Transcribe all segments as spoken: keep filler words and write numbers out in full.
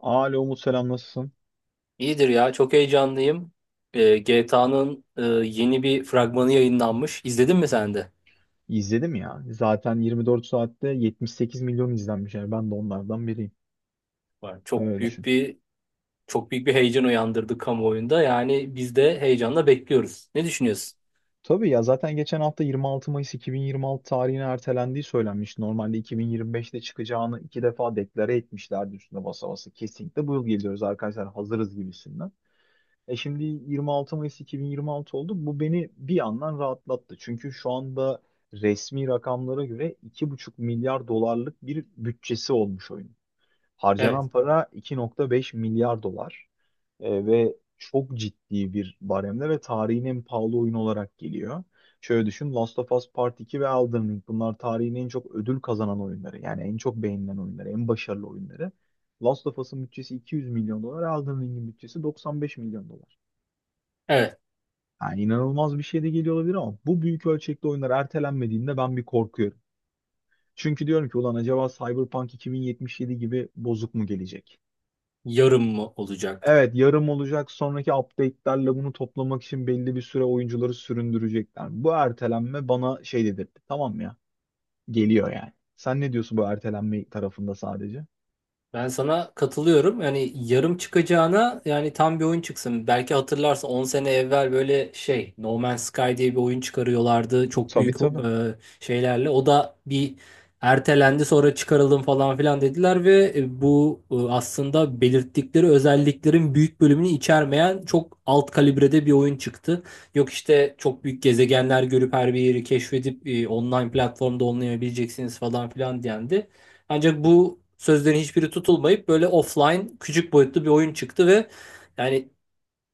Alo Umut selam nasılsın? İyidir ya. Çok heyecanlıyım. Ee, G T A'nın yeni bir fragmanı yayınlanmış. İzledin mi sen de? İzledim ya. Zaten yirmi dört saatte 78 milyon izlenmiş. Yani ben de onlardan biriyim. Var. Çok Öyle büyük düşün. bir çok büyük bir heyecan uyandırdı kamuoyunda. Yani biz de heyecanla bekliyoruz. Ne düşünüyorsun? Tabii ya, zaten geçen hafta yirmi altı Mayıs iki bin yirmi altı tarihine ertelendiği söylenmiş. Normalde iki bin yirmi beşte çıkacağını iki defa deklare etmişlerdi, üstüne basa basa. Kesinlikle bu yıl geliyoruz arkadaşlar, hazırız gibisinden. E şimdi yirmi altı Mayıs iki bin yirmi altı oldu. Bu beni bir yandan rahatlattı. Çünkü şu anda resmi rakamlara göre iki buçuk milyar dolarlık bir bütçesi olmuş oyun. Harcanan Evet. para iki nokta beş milyar dolar. E, ve çok ciddi bir baremde ve tarihin en pahalı oyunu olarak geliyor. Şöyle düşün, Last of Us Part iki ve Elden Ring, bunlar tarihin en çok ödül kazanan oyunları. Yani en çok beğenilen oyunları, en başarılı oyunları. Last of Us'ın bütçesi iki yüz milyon dolar, Elden Ring'in bütçesi doksan beş milyon dolar. Evet. Yani inanılmaz bir şey de geliyor olabilir ama bu büyük ölçekli oyunlar ertelenmediğinde ben bir korkuyorum. Çünkü diyorum ki ulan, acaba Cyberpunk iki bin yetmiş yedi gibi bozuk mu gelecek? Yarın mı olacak? Evet, yarım olacak, sonraki update'lerle bunu toplamak için belli bir süre oyuncuları süründürecekler. Bu ertelenme bana şey dedirtti, tamam mı ya? Geliyor yani. Sen ne diyorsun bu ertelenme tarafında, sadece? Ben sana katılıyorum. Yani yarım çıkacağına yani tam bir oyun çıksın. Belki hatırlarsın on sene evvel böyle şey No Man's Sky diye bir oyun çıkarıyorlardı. Çok Tabii, büyük tabii. e, şeylerle. O da bir ertelendi, sonra çıkaralım falan filan dediler ve e, bu e, aslında belirttikleri özelliklerin büyük bölümünü içermeyen çok alt kalibrede bir oyun çıktı. Yok işte çok büyük gezegenler görüp her bir yeri keşfedip e, online platformda oynayabileceksiniz falan filan diyendi. Ancak bu sözlerin hiçbiri tutulmayıp böyle offline küçük boyutlu bir oyun çıktı ve yani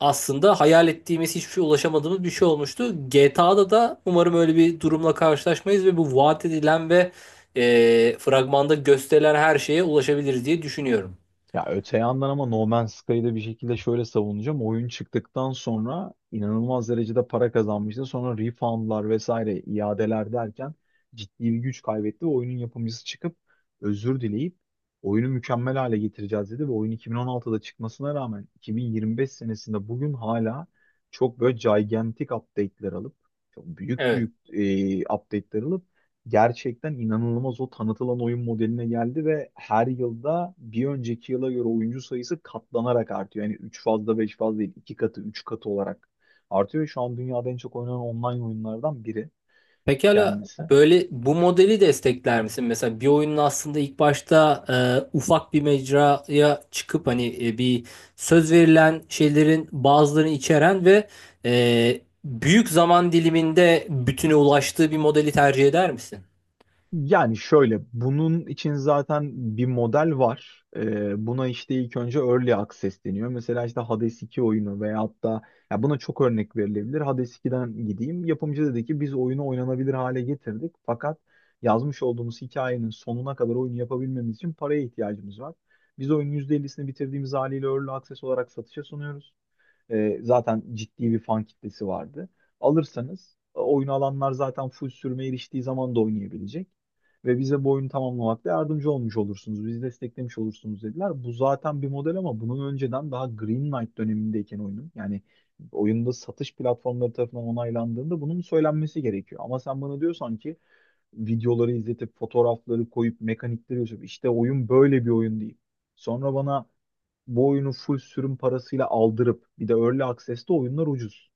aslında hayal ettiğimiz hiçbir şey, ulaşamadığımız bir şey olmuştu. G T A'da da umarım öyle bir durumla karşılaşmayız ve bu vaat edilen ve e, fragmanda gösterilen her şeye ulaşabiliriz diye düşünüyorum. Ya öte yandan, ama No Man's Sky'ı da bir şekilde şöyle savunacağım. Oyun çıktıktan sonra inanılmaz derecede para kazanmıştı. Sonra refundlar vesaire iadeler derken ciddi bir güç kaybetti ve oyunun yapımcısı çıkıp özür dileyip oyunu mükemmel hale getireceğiz dedi ve oyun iki bin on altıda çıkmasına rağmen iki bin yirmi beş senesinde bugün hala çok böyle gigantic update'ler alıp, çok büyük Evet. büyük e, update'ler alıp gerçekten inanılmaz o tanıtılan oyun modeline geldi ve her yılda bir önceki yıla göre oyuncu sayısı katlanarak artıyor. Yani üç fazla beş fazla değil, iki katı üç katı olarak artıyor. Şu an dünyada en çok oynanan online oyunlardan biri Pekala, kendisi. böyle bu modeli destekler misin? Mesela bir oyunun aslında ilk başta e, ufak bir mecraya çıkıp hani e, bir, söz verilen şeylerin bazılarını içeren ve e, büyük zaman diliminde bütüne ulaştığı bir modeli tercih eder misin? Yani şöyle, bunun için zaten bir model var. Ee, buna işte ilk önce Early Access deniyor. Mesela işte Hades iki oyunu veyahut da, ya buna çok örnek verilebilir. Hades iki'den gideyim. Yapımcı dedi ki biz oyunu oynanabilir hale getirdik. Fakat yazmış olduğumuz hikayenin sonuna kadar oyunu yapabilmemiz için paraya ihtiyacımız var. Biz oyunun yüzde ellisini bitirdiğimiz haliyle Early Access olarak satışa sunuyoruz. E, zaten ciddi bir fan kitlesi vardı. Alırsanız, e, oyunu alanlar zaten full sürmeye eriştiği zaman da oynayabilecek. Ve bize bu oyunu tamamlamakta yardımcı olmuş olursunuz. Bizi desteklemiş olursunuz dediler. Bu zaten bir model, ama bunun önceden daha Green Knight dönemindeyken, oyunun, yani oyunda satış platformları tarafından onaylandığında bunun söylenmesi gerekiyor. Ama sen bana diyorsan ki videoları izletip, fotoğrafları koyup, mekanikleri yazıp işte oyun böyle bir oyun değil. Sonra bana bu oyunu full sürüm parasıyla aldırıp, bir de Early Access'te oyunlar ucuz.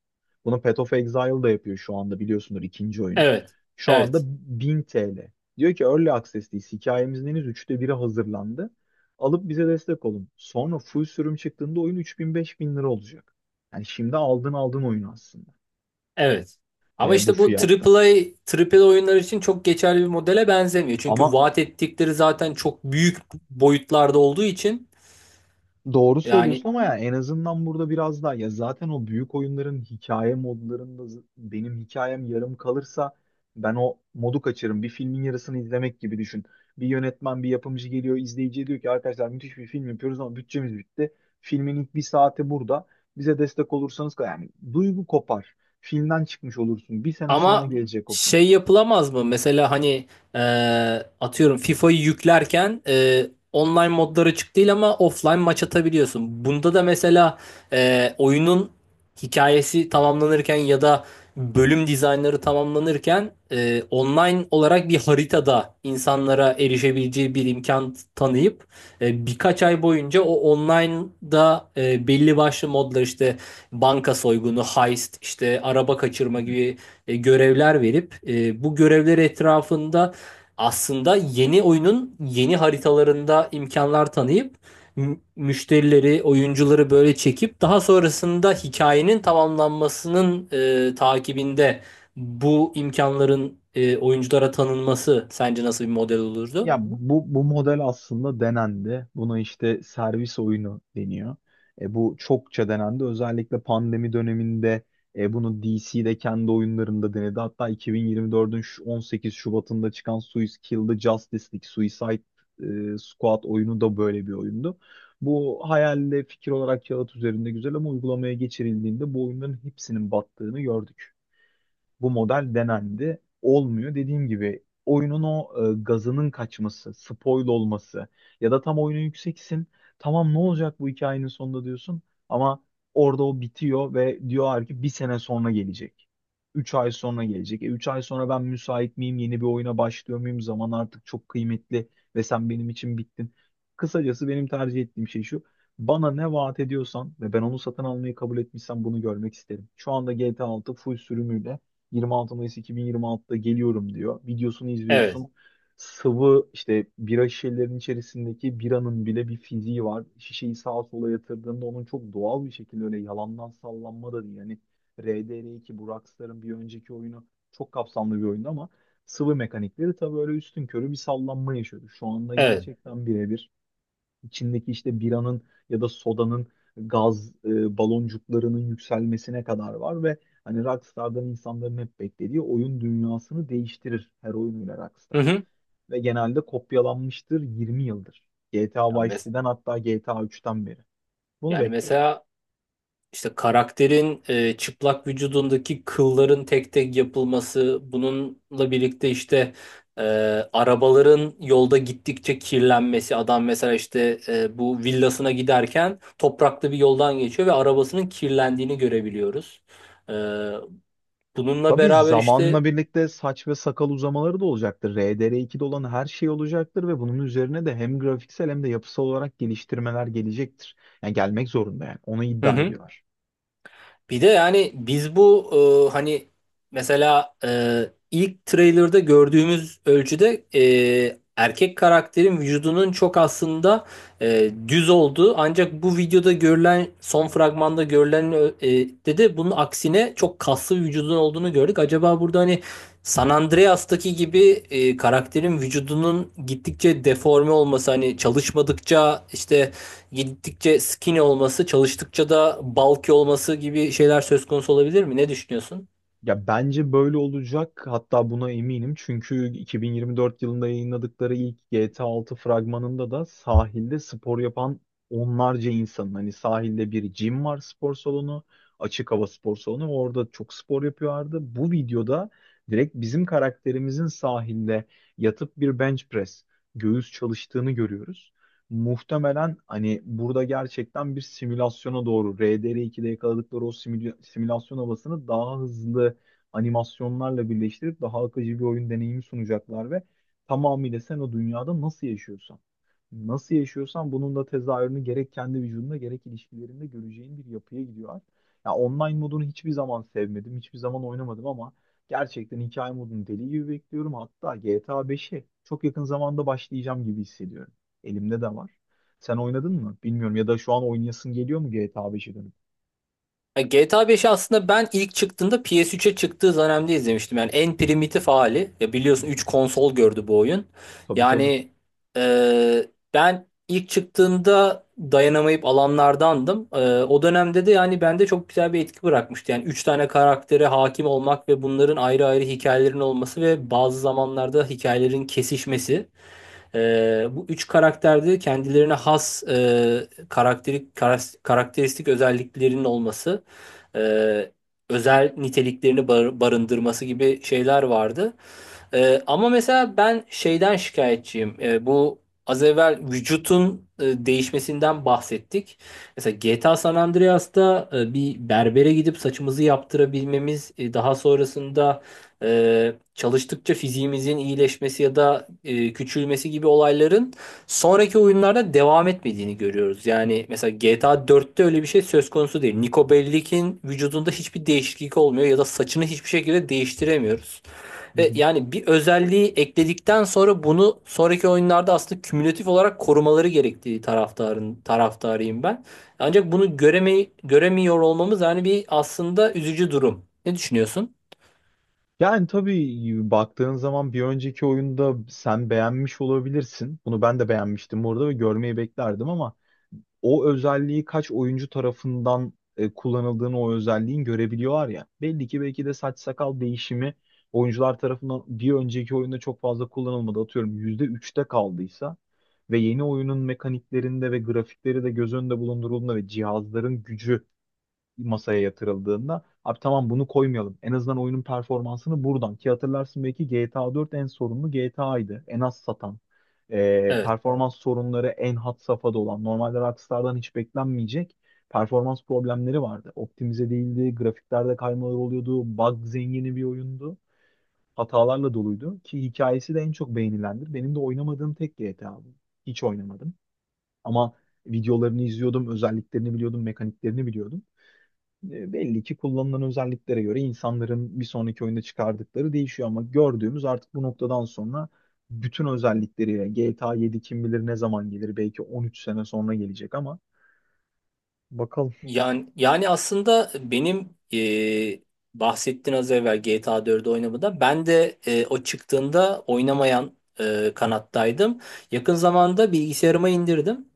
Bunu Path of Exile da yapıyor şu anda, biliyorsunuz, ikinci oyunu. Evet. Şu anda Evet. bin T L. Diyor ki Early Access, değil, hikayemizin henüz üçte biri hazırlandı. Alıp bize destek olun. Sonra full sürüm çıktığında oyun üç bin beş bin lira olacak. Yani şimdi aldın aldın oyunu aslında. Evet. Ama E, bu işte bu fiyatta. A A A, A A A oyunlar için çok geçerli bir modele benzemiyor. Çünkü Ama vaat ettikleri zaten çok büyük boyutlarda olduğu için, doğru söylüyorsun, yani. ama ya en azından burada biraz daha, ya zaten o büyük oyunların hikaye modlarında, z- benim hikayem yarım kalırsa ben o modu kaçırırım. Bir filmin yarısını izlemek gibi düşün. Bir yönetmen, bir yapımcı geliyor, izleyiciye diyor ki arkadaşlar müthiş bir film yapıyoruz ama bütçemiz bitti. Filmin ilk bir saati burada. Bize destek olursanız, yani, duygu kopar. Filmden çıkmış olursun. Bir sene sonra Ama gelecek o film. şey yapılamaz mı? Mesela hani e, atıyorum FIFA'yı yüklerken e, online modları açık değil ama offline maç atabiliyorsun. Bunda da mesela e, oyunun hikayesi tamamlanırken ya da bölüm dizaynları tamamlanırken e, online olarak bir haritada insanlara erişebileceği bir imkan tanıyıp e, birkaç ay boyunca o online'da e, belli başlı modlar, işte banka soygunu, heist, işte araba kaçırma gibi e, görevler verip e, bu görevler etrafında aslında yeni oyunun yeni haritalarında imkanlar tanıyıp mü- müşterileri, oyuncuları böyle çekip daha sonrasında hikayenin tamamlanmasının e, takibinde bu imkanların e, oyunculara tanınması sence nasıl bir model olurdu? Ya bu, bu model aslında denendi. Buna işte servis oyunu deniyor. E, bu çokça denendi. Özellikle pandemi döneminde e, bunu D C'de kendi oyunlarında denedi. Hatta iki bin yirmi dördün şu- on sekiz Şubat'ında çıkan Suicide Kill the Justice League, Suicide e, Squad oyunu da böyle bir oyundu. Bu hayalde fikir olarak kağıt üzerinde güzel ama uygulamaya geçirildiğinde bu oyunların hepsinin battığını gördük. Bu model denendi. Olmuyor. Dediğim gibi oyunun o e, gazının kaçması, spoil olması, ya da tam oyuna yükseksin. Tamam, ne olacak bu hikayenin sonunda diyorsun ama orada o bitiyor ve diyorlar ki bir sene sonra gelecek. Üç ay sonra gelecek. E üç ay sonra ben müsait miyim? Yeni bir oyuna başlıyor muyum? Zaman artık çok kıymetli ve sen benim için bittin. Kısacası benim tercih ettiğim şey şu. Bana ne vaat ediyorsan ve ben onu satın almayı kabul etmişsem bunu görmek isterim. Şu anda G T A altı full sürümüyle yirmi altı Mayıs iki bin yirmi altıda geliyorum diyor. Videosunu Evet, izliyorsun. Sıvı, işte bira şişelerinin içerisindeki biranın bile bir fiziği var. Şişeyi sağa sola yatırdığında onun çok doğal bir şekilde, öyle yalandan sallanma da değil. Yani RDR iki, bu Rockstar'ın bir önceki oyunu, çok kapsamlı bir oyundu ama sıvı mekanikleri tabii öyle üstün körü bir sallanma yaşıyordu. Şu anda evet. gerçekten birebir içindeki işte biranın ya da sodanın gaz e, baloncuklarının yükselmesine kadar var ve hani Rockstar'dan insanların hep beklediği, oyun dünyasını değiştirir her oyunuyla Hı Rockstar. hı. Ve genelde kopyalanmıştır yirmi yıldır. G T A Ya Vice mes- City'den, hatta G T A üçten beri. Bunu Yani bekliyorum. mesela İşte karakterin e, çıplak vücudundaki kılların tek tek yapılması, bununla birlikte işte e, arabaların yolda gittikçe kirlenmesi. Adam mesela işte e, bu villasına giderken topraklı bir yoldan geçiyor ve arabasının kirlendiğini görebiliyoruz. E, Bununla Tabii beraber işte... zamanla birlikte saç ve sakal uzamaları da olacaktır. R D R ikide olan her şey olacaktır ve bunun üzerine de hem grafiksel hem de yapısal olarak geliştirmeler gelecektir. Yani gelmek zorunda yani. Onu Hı iddia hı. ediyorlar. Bir de yani biz bu e, hani mesela e, ilk trailer'da gördüğümüz ölçüde e, erkek karakterin vücudunun çok aslında e, düz olduğu, ancak bu videoda görülen, son fragmanda görülen e, de de bunun aksine çok kaslı bir vücudun olduğunu gördük. Acaba burada hani San Andreas'taki gibi e, karakterin vücudunun gittikçe deforme olması, hani çalışmadıkça işte gittikçe skinny olması, çalıştıkça da bulky olması gibi şeyler söz konusu olabilir mi? Ne düşünüyorsun? Ya bence böyle olacak. Hatta buna eminim. Çünkü iki bin yirmi dört yılında yayınladıkları ilk G T A altı fragmanında da sahilde spor yapan onlarca insanın, hani sahilde bir gym var, spor salonu, açık hava spor salonu. Orada çok spor yapıyorlardı. Bu videoda direkt bizim karakterimizin sahilde yatıp bir bench press, göğüs çalıştığını görüyoruz. Muhtemelen hani burada gerçekten bir simülasyona doğru, R D R ikide yakaladıkları o simüla- simülasyon havasını daha hızlı animasyonlarla birleştirip daha akıcı bir oyun deneyimi sunacaklar ve tamamıyla sen o dünyada nasıl yaşıyorsan, nasıl yaşıyorsan bunun da tezahürünü gerek kendi vücudunda gerek ilişkilerinde göreceğin bir yapıya gidiyorlar. Ya online modunu hiçbir zaman sevmedim, hiçbir zaman oynamadım ama gerçekten hikaye modunu deli gibi bekliyorum. Hatta G T A beşe çok yakın zamanda başlayacağım gibi hissediyorum. Elimde de var. Sen oynadın mı, bilmiyorum, ya da şu an oynayasın geliyor mu G T A beşe dönüp? Ya G T A beşi aslında ben ilk çıktığında, P S üçe çıktığı dönemde izlemiştim. Yani en primitif hali. Ya Hı biliyorsun, hı. üç konsol gördü bu oyun. Tabii, tabii. Yani e, ben ilk çıktığında dayanamayıp alanlardandım. E, o dönemde de yani bende çok güzel bir etki bırakmıştı. Yani üç tane karaktere hakim olmak ve bunların ayrı ayrı hikayelerinin olması ve bazı zamanlarda hikayelerin kesişmesi. Ee, bu üç karakterde kendilerine has e, karakteri- karas- karakteristik özelliklerinin olması, e, özel niteliklerini bar- barındırması gibi şeyler vardı. Ee, ama mesela ben şeyden şikayetçiyim. Ee, bu, az evvel vücutun e, değişmesinden bahsettik. Mesela G T A San Andreas'ta e, bir berbere gidip saçımızı yaptırabilmemiz, e, daha sonrasında e, çalıştıkça fiziğimizin iyileşmesi ya da e, küçülmesi gibi olayların sonraki oyunlarda devam etmediğini görüyoruz. Yani mesela G T A dörtte öyle bir şey söz konusu değil. Niko Bellic'in vücudunda hiçbir değişiklik olmuyor ya da saçını hiçbir şekilde değiştiremiyoruz. Hı Ve hı. yani bir özelliği ekledikten sonra bunu sonraki oyunlarda aslında kümülatif olarak korumaları gerektiği taraftarın taraftarıyım ben. Ancak bunu göreme, göremiyor olmamız yani bir aslında üzücü durum. Ne düşünüyorsun? Yani tabii, baktığın zaman bir önceki oyunda sen beğenmiş olabilirsin. Bunu ben de beğenmiştim orada ve görmeyi beklerdim ama o özelliği kaç oyuncu tarafından e, kullanıldığını o özelliğin görebiliyorlar ya. Belli ki belki de saç sakal değişimi oyuncular tarafından bir önceki oyunda çok fazla kullanılmadı. Atıyorum yüzde üçte kaldıysa ve yeni oyunun mekaniklerinde ve grafikleri de göz önünde bulundurulduğunda ve cihazların gücü masaya yatırıldığında, abi tamam, bunu koymayalım. En azından oyunun performansını buradan, ki hatırlarsın belki, G T A dört en sorunlu G T A'ydı. En az satan, e, Evet. performans sorunları en had safhada olan. Normalde Rockstar'dan hiç beklenmeyecek performans problemleri vardı. Optimize değildi, grafiklerde kaymalar oluyordu, bug zengini bir oyundu. Hatalarla doluydu ki hikayesi de en çok beğenilendir. Benim de oynamadığım tek G T A bu. Hiç oynamadım. Ama videolarını izliyordum, özelliklerini biliyordum, mekaniklerini biliyordum. E, Belli ki kullanılan özelliklere göre insanların bir sonraki oyunda çıkardıkları değişiyor ama gördüğümüz artık bu noktadan sonra bütün özellikleriyle G T A yedi kim bilir ne zaman gelir, belki on üç sene sonra gelecek, ama bakalım. Yani, yani aslında benim e, bahsettiğin, az evvel G T A dördü oynamada ben de e, o çıktığında oynamayan e, kanattaydım. Yakın zamanda bilgisayarıma indirdim.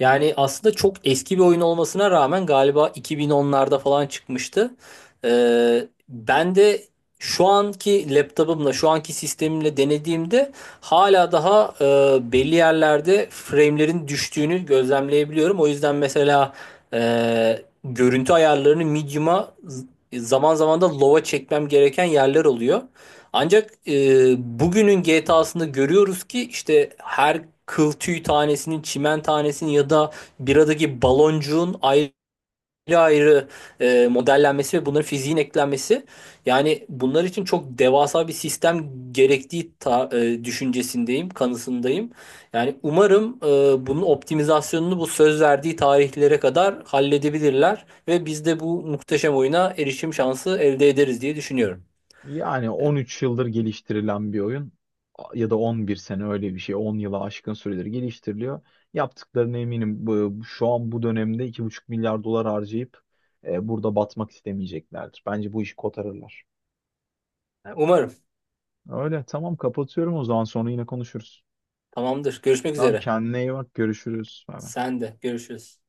Yani aslında çok eski bir oyun olmasına rağmen galiba iki bin onlarda falan çıkmıştı. E, ben de şu anki laptopumla, şu anki sistemimle denediğimde hala daha e, belli yerlerde frame'lerin düştüğünü gözlemleyebiliyorum. O yüzden mesela ee, görüntü ayarlarını medium'a, z- zaman zaman da low'a çekmem gereken yerler oluyor. Ancak e, bugünün G T A'sında görüyoruz ki işte her kıl tüy tanesinin, çimen tanesinin ya da biradaki baloncuğun ayrı ayrı ayrı e, modellenmesi ve bunların fiziğin eklenmesi, yani bunlar için çok devasa bir sistem gerektiği ta- e, düşüncesindeyim, kanısındayım. Yani umarım e, bunun optimizasyonunu bu söz verdiği tarihlere kadar halledebilirler ve biz de bu muhteşem oyuna erişim şansı elde ederiz diye düşünüyorum. Yani on üç yıldır geliştirilen bir oyun, ya da on bir sene, öyle bir şey, on yıla aşkın süredir geliştiriliyor. Yaptıklarına eminim, bu şu an bu dönemde iki buçuk milyar dolar harcayıp e, burada batmak istemeyeceklerdir. Bence bu işi kotarırlar. E, Umarım. Öyle tamam, kapatıyorum o zaman, sonra yine konuşuruz. Tamamdır. Görüşmek Tamam, üzere. kendine iyi bak, görüşürüz. Bay bay. Sen de görüşürüz.